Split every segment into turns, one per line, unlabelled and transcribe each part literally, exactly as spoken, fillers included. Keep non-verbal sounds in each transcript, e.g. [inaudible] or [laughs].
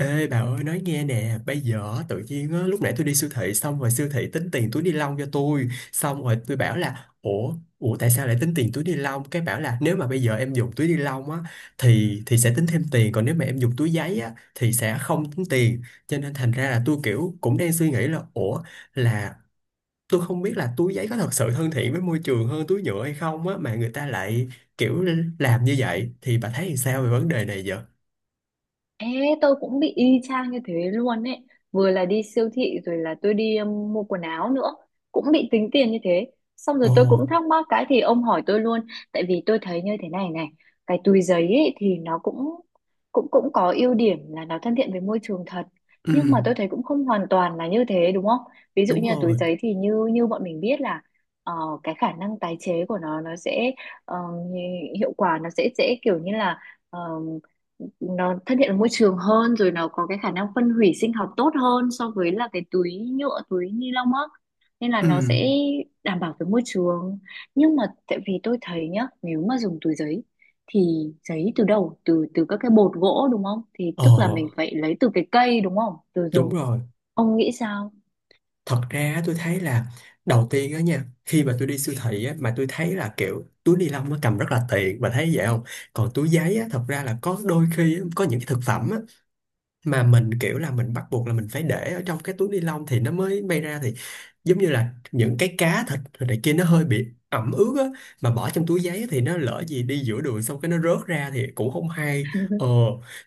Ê bà ơi nói nghe nè. Bây giờ á, tự nhiên á, lúc nãy tôi đi siêu thị. Xong rồi siêu thị tính tiền túi ni lông cho tôi. Xong rồi tôi bảo là Ủa, ủa tại sao lại tính tiền túi ni lông. Cái bảo là nếu mà bây giờ em dùng túi ni lông á, Thì thì sẽ tính thêm tiền. Còn nếu mà em dùng túi giấy á thì sẽ không tính tiền. Cho nên thành ra là tôi kiểu cũng đang suy nghĩ là ủa là tôi không biết là túi giấy có thật sự thân thiện với môi trường hơn túi nhựa hay không á. Mà người ta lại kiểu làm như vậy. Thì bà thấy làm sao về vấn đề này vậy?
Ê, tôi cũng bị y chang như thế luôn ấy. Vừa là đi siêu thị rồi là tôi đi um, mua quần áo nữa. Cũng bị tính tiền như thế. Xong
Ồ,
rồi tôi cũng thắc mắc cái thì ông hỏi tôi luôn. Tại vì tôi thấy như thế này này. Cái túi giấy ấy thì nó cũng cũng cũng có ưu điểm là nó thân thiện với môi trường thật.
ừ,
Nhưng mà tôi thấy cũng không hoàn toàn là như thế đúng không? Ví dụ
đúng
như là túi
rồi,
giấy thì như như bọn mình biết là ờ, cái khả năng tái chế của nó nó sẽ ờ, hiệu quả nó sẽ sẽ kiểu như là nó thân thiện với môi trường hơn, rồi nó có cái khả năng phân hủy sinh học tốt hơn so với là cái túi nhựa, túi ni lông á, nên là nó
ừm,
sẽ đảm bảo với môi trường. Nhưng mà tại vì tôi thấy nhá, nếu mà dùng túi giấy thì giấy từ đâu? Từ từ các cái bột gỗ đúng không, thì
ờ,
tức là mình phải lấy từ cái cây đúng không, từ
đúng
rừng.
rồi.
Ông nghĩ sao?
Thật ra á, tôi thấy là đầu tiên á nha, khi mà tôi đi siêu thị á, mà tôi thấy là kiểu túi ni lông nó cầm rất là tiện, và thấy vậy không? Còn túi giấy á, thật ra là có đôi khi á, có những cái thực phẩm á, mà mình kiểu là mình bắt buộc là mình phải để ở trong cái túi ni lông thì nó mới bay ra, thì giống như là những cái cá thịt rồi này kia nó hơi bị ẩm ướt á, mà bỏ trong túi giấy thì nó lỡ gì đi giữa đường xong cái nó rớt ra thì cũng không hay. Ờ,
[laughs]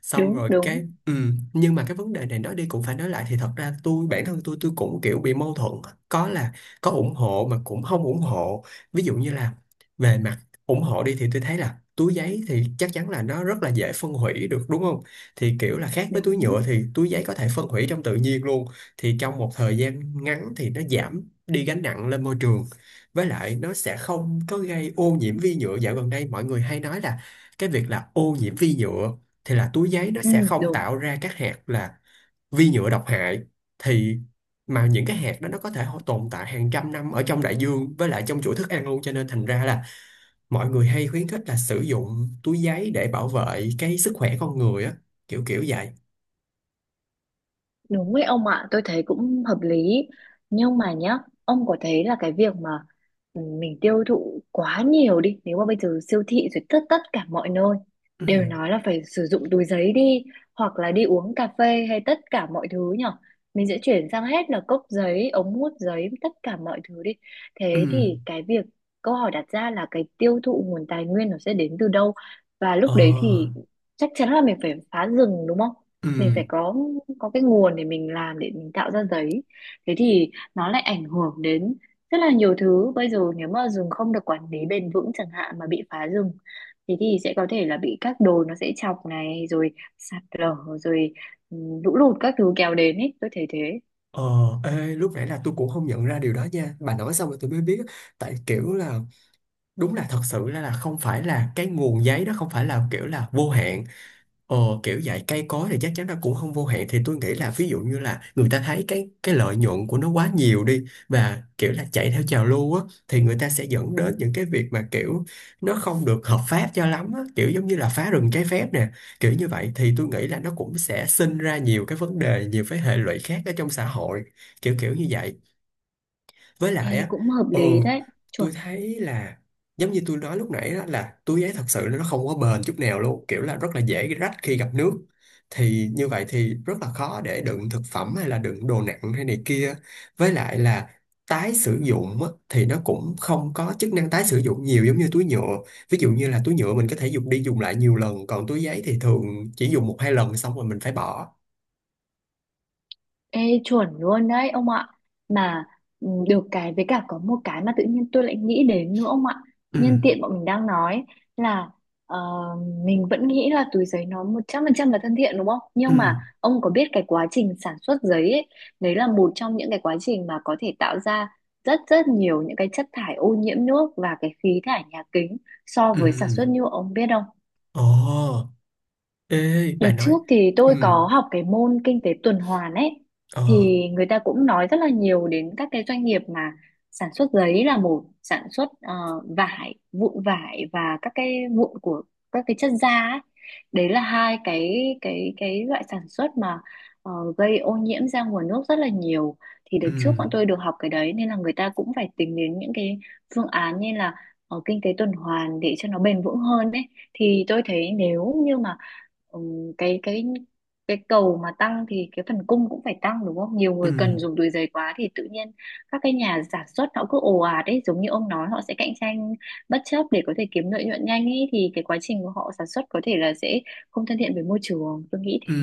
xong
đúng
rồi
đúng
cái ừ. Nhưng mà cái vấn đề này nói đi cũng phải nói lại thì thật ra tôi bản thân tôi tôi cũng kiểu bị mâu thuẫn, có là có ủng hộ mà cũng không ủng hộ. Ví dụ như là về mặt ủng hộ đi thì tôi thấy là túi giấy thì chắc chắn là nó rất là dễ phân hủy được đúng không, thì kiểu là khác với túi
đúng
nhựa thì túi giấy có thể phân hủy trong tự nhiên luôn, thì trong một thời gian ngắn thì nó giảm đi gánh nặng lên môi trường. Với lại nó sẽ không có gây ô nhiễm vi nhựa. Dạo gần đây mọi người hay nói là cái việc là ô nhiễm vi nhựa, thì là túi giấy nó
ừ,
sẽ không
đúng
tạo ra các hạt là vi nhựa độc hại. Thì mà những cái hạt đó nó có thể hô- tồn tại hàng trăm năm ở trong đại dương với lại trong chuỗi thức ăn luôn, cho nên thành ra là mọi người hay khuyến khích là sử dụng túi giấy để bảo vệ cái sức khỏe con người á, kiểu kiểu vậy.
Đúng ấy ông ạ, tôi thấy cũng hợp lý. Nhưng mà nhá, ông có thấy là cái việc mà, ừ, mình tiêu thụ quá nhiều đi, nếu mà bây giờ siêu thị rồi tất tất cả mọi nơi
Ừ,
đều nói là phải sử dụng túi giấy đi, hoặc là đi uống cà phê hay tất cả mọi thứ nhở. Mình sẽ chuyển sang hết là cốc giấy, ống hút giấy, tất cả mọi thứ đi.
ừ,
Thế thì cái việc câu hỏi đặt ra là cái tiêu thụ nguồn tài nguyên nó sẽ đến từ đâu? Và
ờ,
lúc đấy thì chắc chắn là mình phải phá rừng đúng không?
ừ,
Mình phải có có cái nguồn để mình làm, để mình tạo ra giấy. Thế thì nó lại ảnh hưởng đến rất là nhiều thứ. Bây giờ nếu mà rừng không được quản lý bền vững chẳng hạn mà bị phá rừng, thế thì sẽ có thể là bị các đồi nó sẽ chọc này, rồi sạt lở, rồi ừ, lũ lụt các thứ kéo đến ấy, tôi thấy thế.
ờ, ê, lúc nãy là tôi cũng không nhận ra điều đó nha. Bà nói xong rồi tôi mới biết. Tại kiểu là đúng là thật sự là, là không phải là cái nguồn giấy đó không phải là kiểu là vô hạn. Ờ, kiểu dạy cây cối thì chắc chắn nó cũng không vô hạn, thì tôi nghĩ là ví dụ như là người ta thấy cái cái lợi nhuận của nó quá nhiều đi và kiểu là chạy theo trào lưu á, thì người ta sẽ dẫn đến những cái việc mà kiểu nó không được hợp pháp cho lắm á, kiểu giống như là phá rừng trái phép nè. Kiểu như vậy thì tôi nghĩ là nó cũng sẽ sinh ra nhiều cái vấn đề, nhiều cái hệ lụy khác ở trong xã hội, kiểu kiểu như vậy. Với lại
Ê,
á,
cũng hợp
ừ,
lý đấy,
tôi
chuẩn.
thấy là giống như tôi nói lúc nãy đó là túi giấy thật sự nó không có bền chút nào luôn, kiểu là rất là dễ rách khi gặp nước, thì như vậy thì rất là khó để đựng thực phẩm hay là đựng đồ nặng hay này kia. Với lại là tái sử dụng á, thì nó cũng không có chức năng tái sử dụng nhiều giống như túi nhựa. Ví dụ như là túi nhựa mình có thể dùng đi dùng lại nhiều lần, còn túi giấy thì thường chỉ dùng một hai lần xong rồi mình phải bỏ.
Ê, chuẩn luôn đấy ông ạ. Mà ừ, được cái với cả có một cái mà tự nhiên tôi lại nghĩ đến nữa ông ạ.
Ừ,
Nhân tiện bọn mình đang nói là ờ, mình vẫn nghĩ là túi giấy nó một trăm phần trăm là thân thiện đúng không,
ừ,
nhưng mà ông có biết cái quá trình sản xuất giấy ấy, đấy là một trong những cái quá trình mà có thể tạo ra rất rất nhiều những cái chất thải ô nhiễm nước và cái khí thải nhà kính so
ừ,
với sản xuất nhựa, ông biết không?
ồ, ê, bà
Đợt
nói,
trước thì
ừ,
tôi có học cái môn kinh tế tuần hoàn ấy,
ờ,
thì người ta cũng nói rất là nhiều đến các cái doanh nghiệp mà sản xuất giấy là một, sản xuất ờ, vải, vụn vải và các cái vụn của các cái chất da ấy. Đấy là hai cái cái cái loại sản xuất mà ờ, gây ô nhiễm ra nguồn nước rất là nhiều. Thì đợt
ừ,
trước bọn tôi được học cái đấy nên là người ta cũng phải tính đến những cái phương án như là ờ, kinh tế tuần hoàn để cho nó bền vững hơn ấy. Thì tôi thấy nếu như mà ừ, cái cái cái cầu mà tăng thì cái phần cung cũng phải tăng đúng không? Nhiều
ừ.
người cần dùng túi giấy quá thì tự nhiên các cái nhà sản xuất họ cứ ồ ạt ấy, giống như ông nói, họ sẽ cạnh tranh bất chấp để có thể kiếm lợi nhuận nhanh ấy, thì cái quá trình của họ sản xuất có thể là sẽ không thân thiện với môi trường, tôi nghĩ
Ừ,
thế.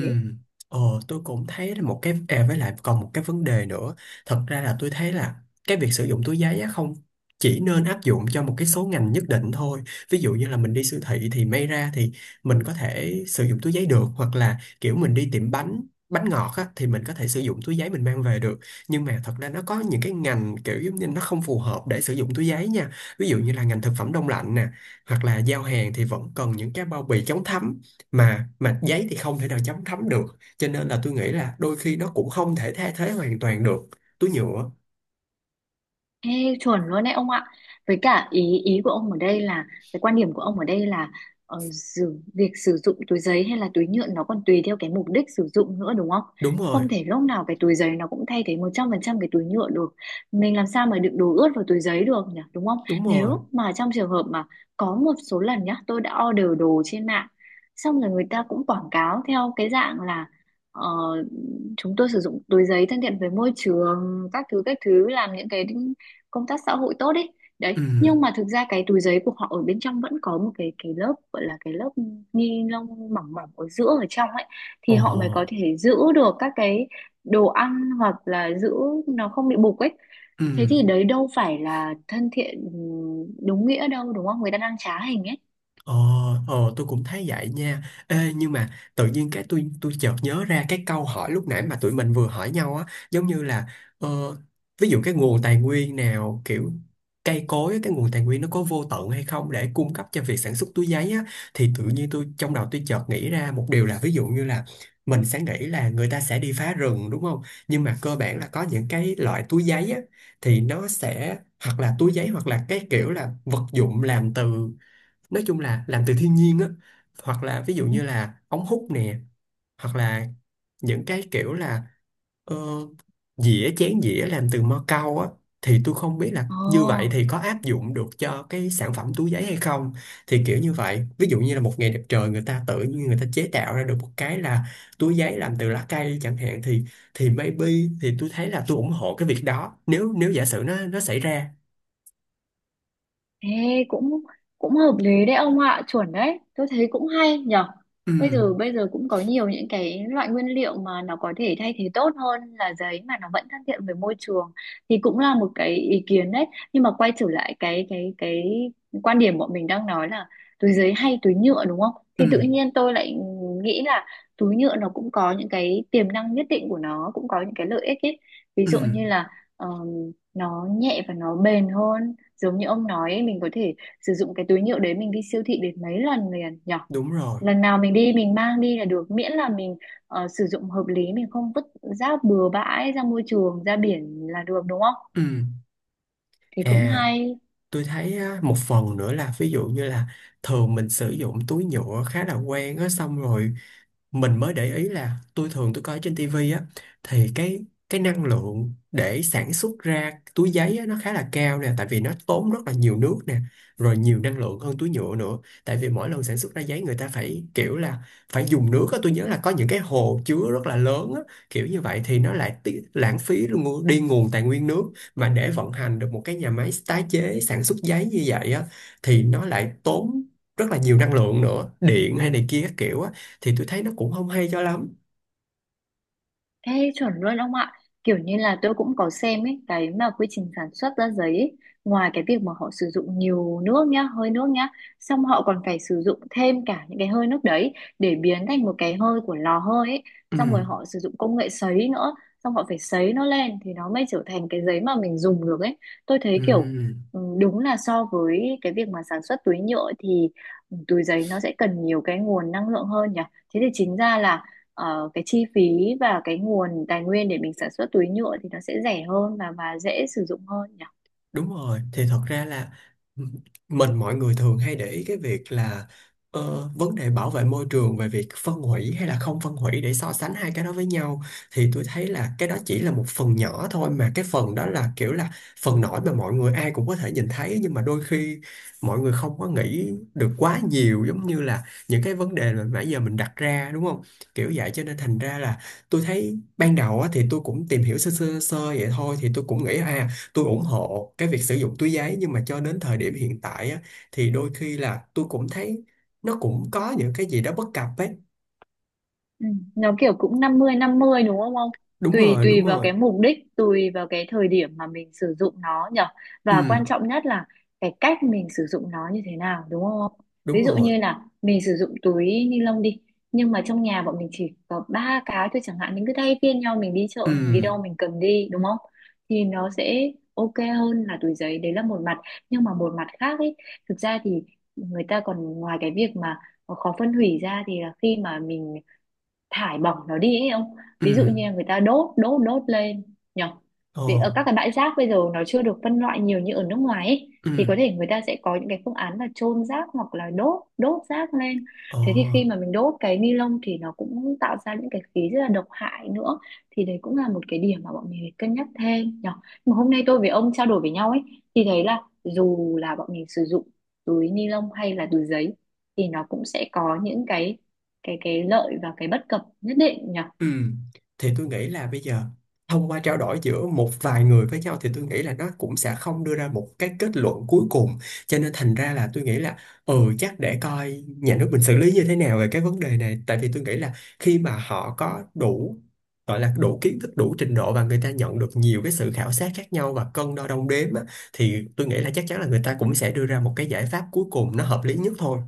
ờ, tôi cũng thấy là một cái à, với lại còn một cái vấn đề nữa. Thật ra là tôi thấy là cái việc sử dụng túi giấy á không chỉ nên áp dụng cho một cái số ngành nhất định thôi. Ví dụ như là mình đi siêu thị thì may ra thì mình có thể sử dụng túi giấy được, hoặc là kiểu mình đi tiệm bánh, bánh ngọt á, thì mình có thể sử dụng túi giấy mình mang về được. Nhưng mà thật ra nó có những cái ngành kiểu giống như nó không phù hợp để sử dụng túi giấy nha. Ví dụ như là ngành thực phẩm đông lạnh nè, hoặc là giao hàng thì vẫn cần những cái bao bì chống thấm, mà mà giấy thì không thể nào chấm thấm được. Cho nên là tôi nghĩ là đôi khi nó cũng không thể thay thế hoàn toàn được túi nhựa.
Ê, chuẩn luôn đấy ông ạ. Với cả ý ý của ông ở đây là cái quan điểm của ông ở đây là ờ, sử, việc sử dụng túi giấy hay là túi nhựa nó còn tùy theo cái mục đích sử dụng nữa đúng không?
Đúng rồi,
Không thể lúc nào cái túi giấy nó cũng thay thế một trăm phần trăm cái túi nhựa được. Mình làm sao mà đựng đồ ướt vào túi giấy được nhỉ, đúng không?
đúng rồi,
Nếu mà trong trường hợp mà có một số lần nhá, tôi đã order đồ trên mạng, xong rồi người ta cũng quảng cáo theo cái dạng là ờ, chúng tôi sử dụng túi giấy thân thiện với môi trường các thứ các thứ, làm những cái công tác xã hội tốt ấy, đấy,
ừ,
nhưng mà thực ra cái túi giấy của họ ở bên trong vẫn có một cái cái lớp gọi là cái lớp ni lông mỏng mỏng ở giữa ở trong ấy,
ồ,
thì họ mới có thể giữ được các cái đồ ăn hoặc là giữ nó không bị bục ấy.
ừ.
Thế thì đấy đâu phải là thân thiện đúng nghĩa đâu, đúng không, người ta đang trá hình ấy.
Ờ, ờ tôi cũng thấy vậy nha. Ê, nhưng mà tự nhiên cái tôi tôi chợt nhớ ra cái câu hỏi lúc nãy mà tụi mình vừa hỏi nhau á, giống như là ờ, ví dụ cái nguồn tài nguyên nào kiểu cây cối á, cái nguồn tài nguyên nó có vô tận hay không để cung cấp cho việc sản xuất túi giấy á, thì tự nhiên tôi trong đầu tôi chợt nghĩ ra một điều là ví dụ như là mình sẽ nghĩ là người ta sẽ đi phá rừng đúng không? Nhưng mà cơ bản là có những cái loại túi giấy á thì nó sẽ hoặc là túi giấy hoặc là cái kiểu là vật dụng làm từ, nói chung là làm từ thiên nhiên á, hoặc là ví dụ như là ống hút nè, hoặc là những cái kiểu là ờ, dĩa chén dĩa làm từ mo cau á, thì tôi không biết là như vậy
Ồ.
thì có áp dụng được cho cái sản phẩm túi giấy hay không. Thì kiểu như vậy ví dụ như là một ngày đẹp trời người ta tự nhiên người ta chế tạo ra được một cái là túi giấy làm từ lá cây chẳng hạn thì thì maybe thì tôi thấy là tôi ủng hộ cái việc đó, nếu nếu giả sử nó nó xảy ra.
Ê, cũng cũng hợp lý đấy ông ạ, chuẩn đấy. Tôi thấy cũng hay nhở.
Ừ,
Bây giờ bây giờ cũng có nhiều những cái loại nguyên liệu mà nó có thể thay thế tốt hơn là giấy mà nó vẫn thân thiện với môi trường, thì cũng là một cái ý kiến đấy. Nhưng mà quay trở lại cái cái cái quan điểm bọn mình đang nói là túi giấy hay túi nhựa đúng không?
ừ,
Thì tự nhiên tôi lại nghĩ là túi nhựa nó cũng có những cái tiềm năng nhất định của nó, cũng có những cái lợi ích ấy. Ví
ừ,
dụ như là ờ, nó nhẹ và nó bền hơn, giống như ông nói ấy, mình có thể sử dụng cái túi nhựa đấy mình đi siêu thị đến mấy lần liền nhở.
đúng rồi,
Lần nào mình đi mình mang đi là được, miễn là mình ờ, sử dụng hợp lý, mình không vứt rác bừa bãi ra môi trường, ra biển là được đúng không?
ừ.
Thì cũng
À,
hay.
tôi thấy á, một phần nữa là ví dụ như là thường mình sử dụng túi nhựa khá là quen á, xong rồi mình mới để ý là tôi thường tôi coi trên tivi á, thì cái cái năng lượng để sản xuất ra túi giấy á, nó khá là cao nè, tại vì nó tốn rất là nhiều nước nè, rồi nhiều năng lượng hơn túi nhựa nữa. Tại vì mỗi lần sản xuất ra giấy người ta phải kiểu là phải dùng nước á, tôi nhớ là có những cái hồ chứa rất là lớn á. Kiểu như vậy thì nó lại tí, lãng phí luôn ngu- đi nguồn tài nguyên nước, mà để vận hành được một cái nhà máy tái chế sản xuất giấy như vậy á, thì nó lại tốn rất là nhiều năng lượng nữa, điện hay này kia các kiểu á, thì tôi thấy nó cũng không hay cho lắm.
Ê, chuẩn luôn ông ạ. Kiểu như là tôi cũng có xem ấy, cái mà quy trình sản xuất ra giấy ấy, ngoài cái việc mà họ sử dụng nhiều nước nhá, hơi nước nhá, xong họ còn phải sử dụng thêm cả những cái hơi nước đấy để biến thành một cái hơi của lò hơi ấy.
Ừ,
Xong rồi họ sử dụng công nghệ sấy nữa, xong họ phải sấy nó lên thì nó mới trở thành cái giấy mà mình dùng được ấy. Tôi thấy
ừ.
kiểu ừ, đúng là so với cái việc mà sản xuất túi nhựa thì túi giấy nó sẽ cần nhiều cái nguồn năng lượng hơn nhỉ. Thế thì chính ra là ờ, cái chi phí và cái nguồn tài nguyên để mình sản xuất túi nhựa thì nó sẽ rẻ hơn và và dễ sử dụng hơn nhỉ?
Đúng rồi, thì thật ra là m- mình mọi người thường hay để ý cái việc là ờ, vấn đề bảo vệ môi trường về việc phân hủy hay là không phân hủy để so sánh hai cái đó với nhau, thì tôi thấy là cái đó chỉ là một phần nhỏ thôi, mà cái phần đó là kiểu là phần nổi mà mọi người ai cũng có thể nhìn thấy. Nhưng mà đôi khi mọi người không có nghĩ được quá nhiều, giống như là những cái vấn đề mà nãy giờ mình đặt ra đúng không? Kiểu vậy cho nên thành ra là tôi thấy ban đầu á, thì tôi cũng tìm hiểu sơ sơ sơ vậy thôi, thì tôi cũng nghĩ à tôi ủng hộ cái việc sử dụng túi giấy. Nhưng mà cho đến thời điểm hiện tại á, thì đôi khi là tôi cũng thấy nó cũng có những cái gì đó bất cập ấy.
Ừ. Nó kiểu cũng năm mươi năm mươi đúng không ông?
Đúng
Tùy
rồi,
tùy
đúng
vào
rồi,
cái mục đích, tùy vào cái thời điểm mà mình sử dụng nó nhở.
ừ,
Và quan trọng nhất là cái cách mình sử dụng nó như thế nào đúng không ông?
đúng
Ví dụ
rồi,
như là mình sử dụng túi ni lông đi, nhưng mà trong nhà bọn mình chỉ có ba cái thôi chẳng hạn, mình cứ thay phiên nhau mình đi
ừ,
chợ, mình đi đâu mình cầm đi đúng không? Thì nó sẽ ok hơn là túi giấy, đấy là một mặt, nhưng mà một mặt khác ấy, thực ra thì người ta còn ngoài cái việc mà khó phân hủy ra thì là khi mà mình thải bỏng nó đi ấy ông,
ừ,
ví dụ như là người ta đốt đốt đốt lên nhỉ,
ờ,
vì ở các cái bãi rác bây giờ nó chưa được phân loại nhiều như ở nước ngoài ấy,
ừ,
thì có thể người ta sẽ có những cái phương án là chôn rác hoặc là đốt đốt rác lên.
ờ.
Thế thì khi mà mình đốt cái ni lông thì nó cũng tạo ra những cái khí rất là độc hại nữa, thì đấy cũng là một cái điểm mà bọn mình phải cân nhắc thêm nhỉ. Mà hôm nay tôi với ông trao đổi với nhau ấy, thì thấy là dù là bọn mình sử dụng túi ni lông hay là túi giấy thì nó cũng sẽ có những cái cái cái lợi và cái bất cập nhất định nhỉ.
Ừ. Thì tôi nghĩ là bây giờ thông qua trao đổi giữa một vài người với nhau thì tôi nghĩ là nó cũng sẽ không đưa ra một cái kết luận cuối cùng. Cho nên thành ra là tôi nghĩ là ừ chắc để coi nhà nước mình xử lý như thế nào về cái vấn đề này, tại vì tôi nghĩ là khi mà họ có đủ, gọi là đủ kiến thức, đủ trình độ và người ta nhận được nhiều cái sự khảo sát khác nhau và cân đo đong đếm á, thì tôi nghĩ là chắc chắn là người ta cũng sẽ đưa ra một cái giải pháp cuối cùng nó hợp lý nhất thôi.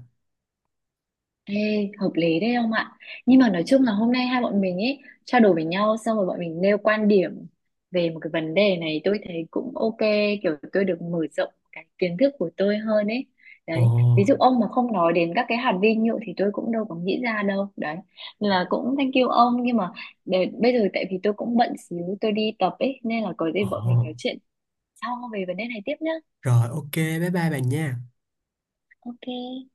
Ê, hợp lý đấy ông ạ, nhưng mà nói chung là hôm nay hai bọn mình ấy trao đổi với nhau xong rồi bọn mình nêu quan điểm về một cái vấn đề này, tôi thấy cũng ok, kiểu tôi được mở rộng cái kiến thức của tôi hơn ấy.
Ồ,
Đấy, ví dụ ông mà không nói đến các cái hạt vi nhựa thì tôi cũng đâu có nghĩ ra đâu đấy. Nên là cũng thank you ông, nhưng mà để, bây giờ tại vì tôi cũng bận xíu tôi đi tập ấy, nên là có
ồ,
gì bọn mình nói chuyện sau về vấn đề này tiếp nhá.
rồi ok, bye bye bạn nha.
Ok.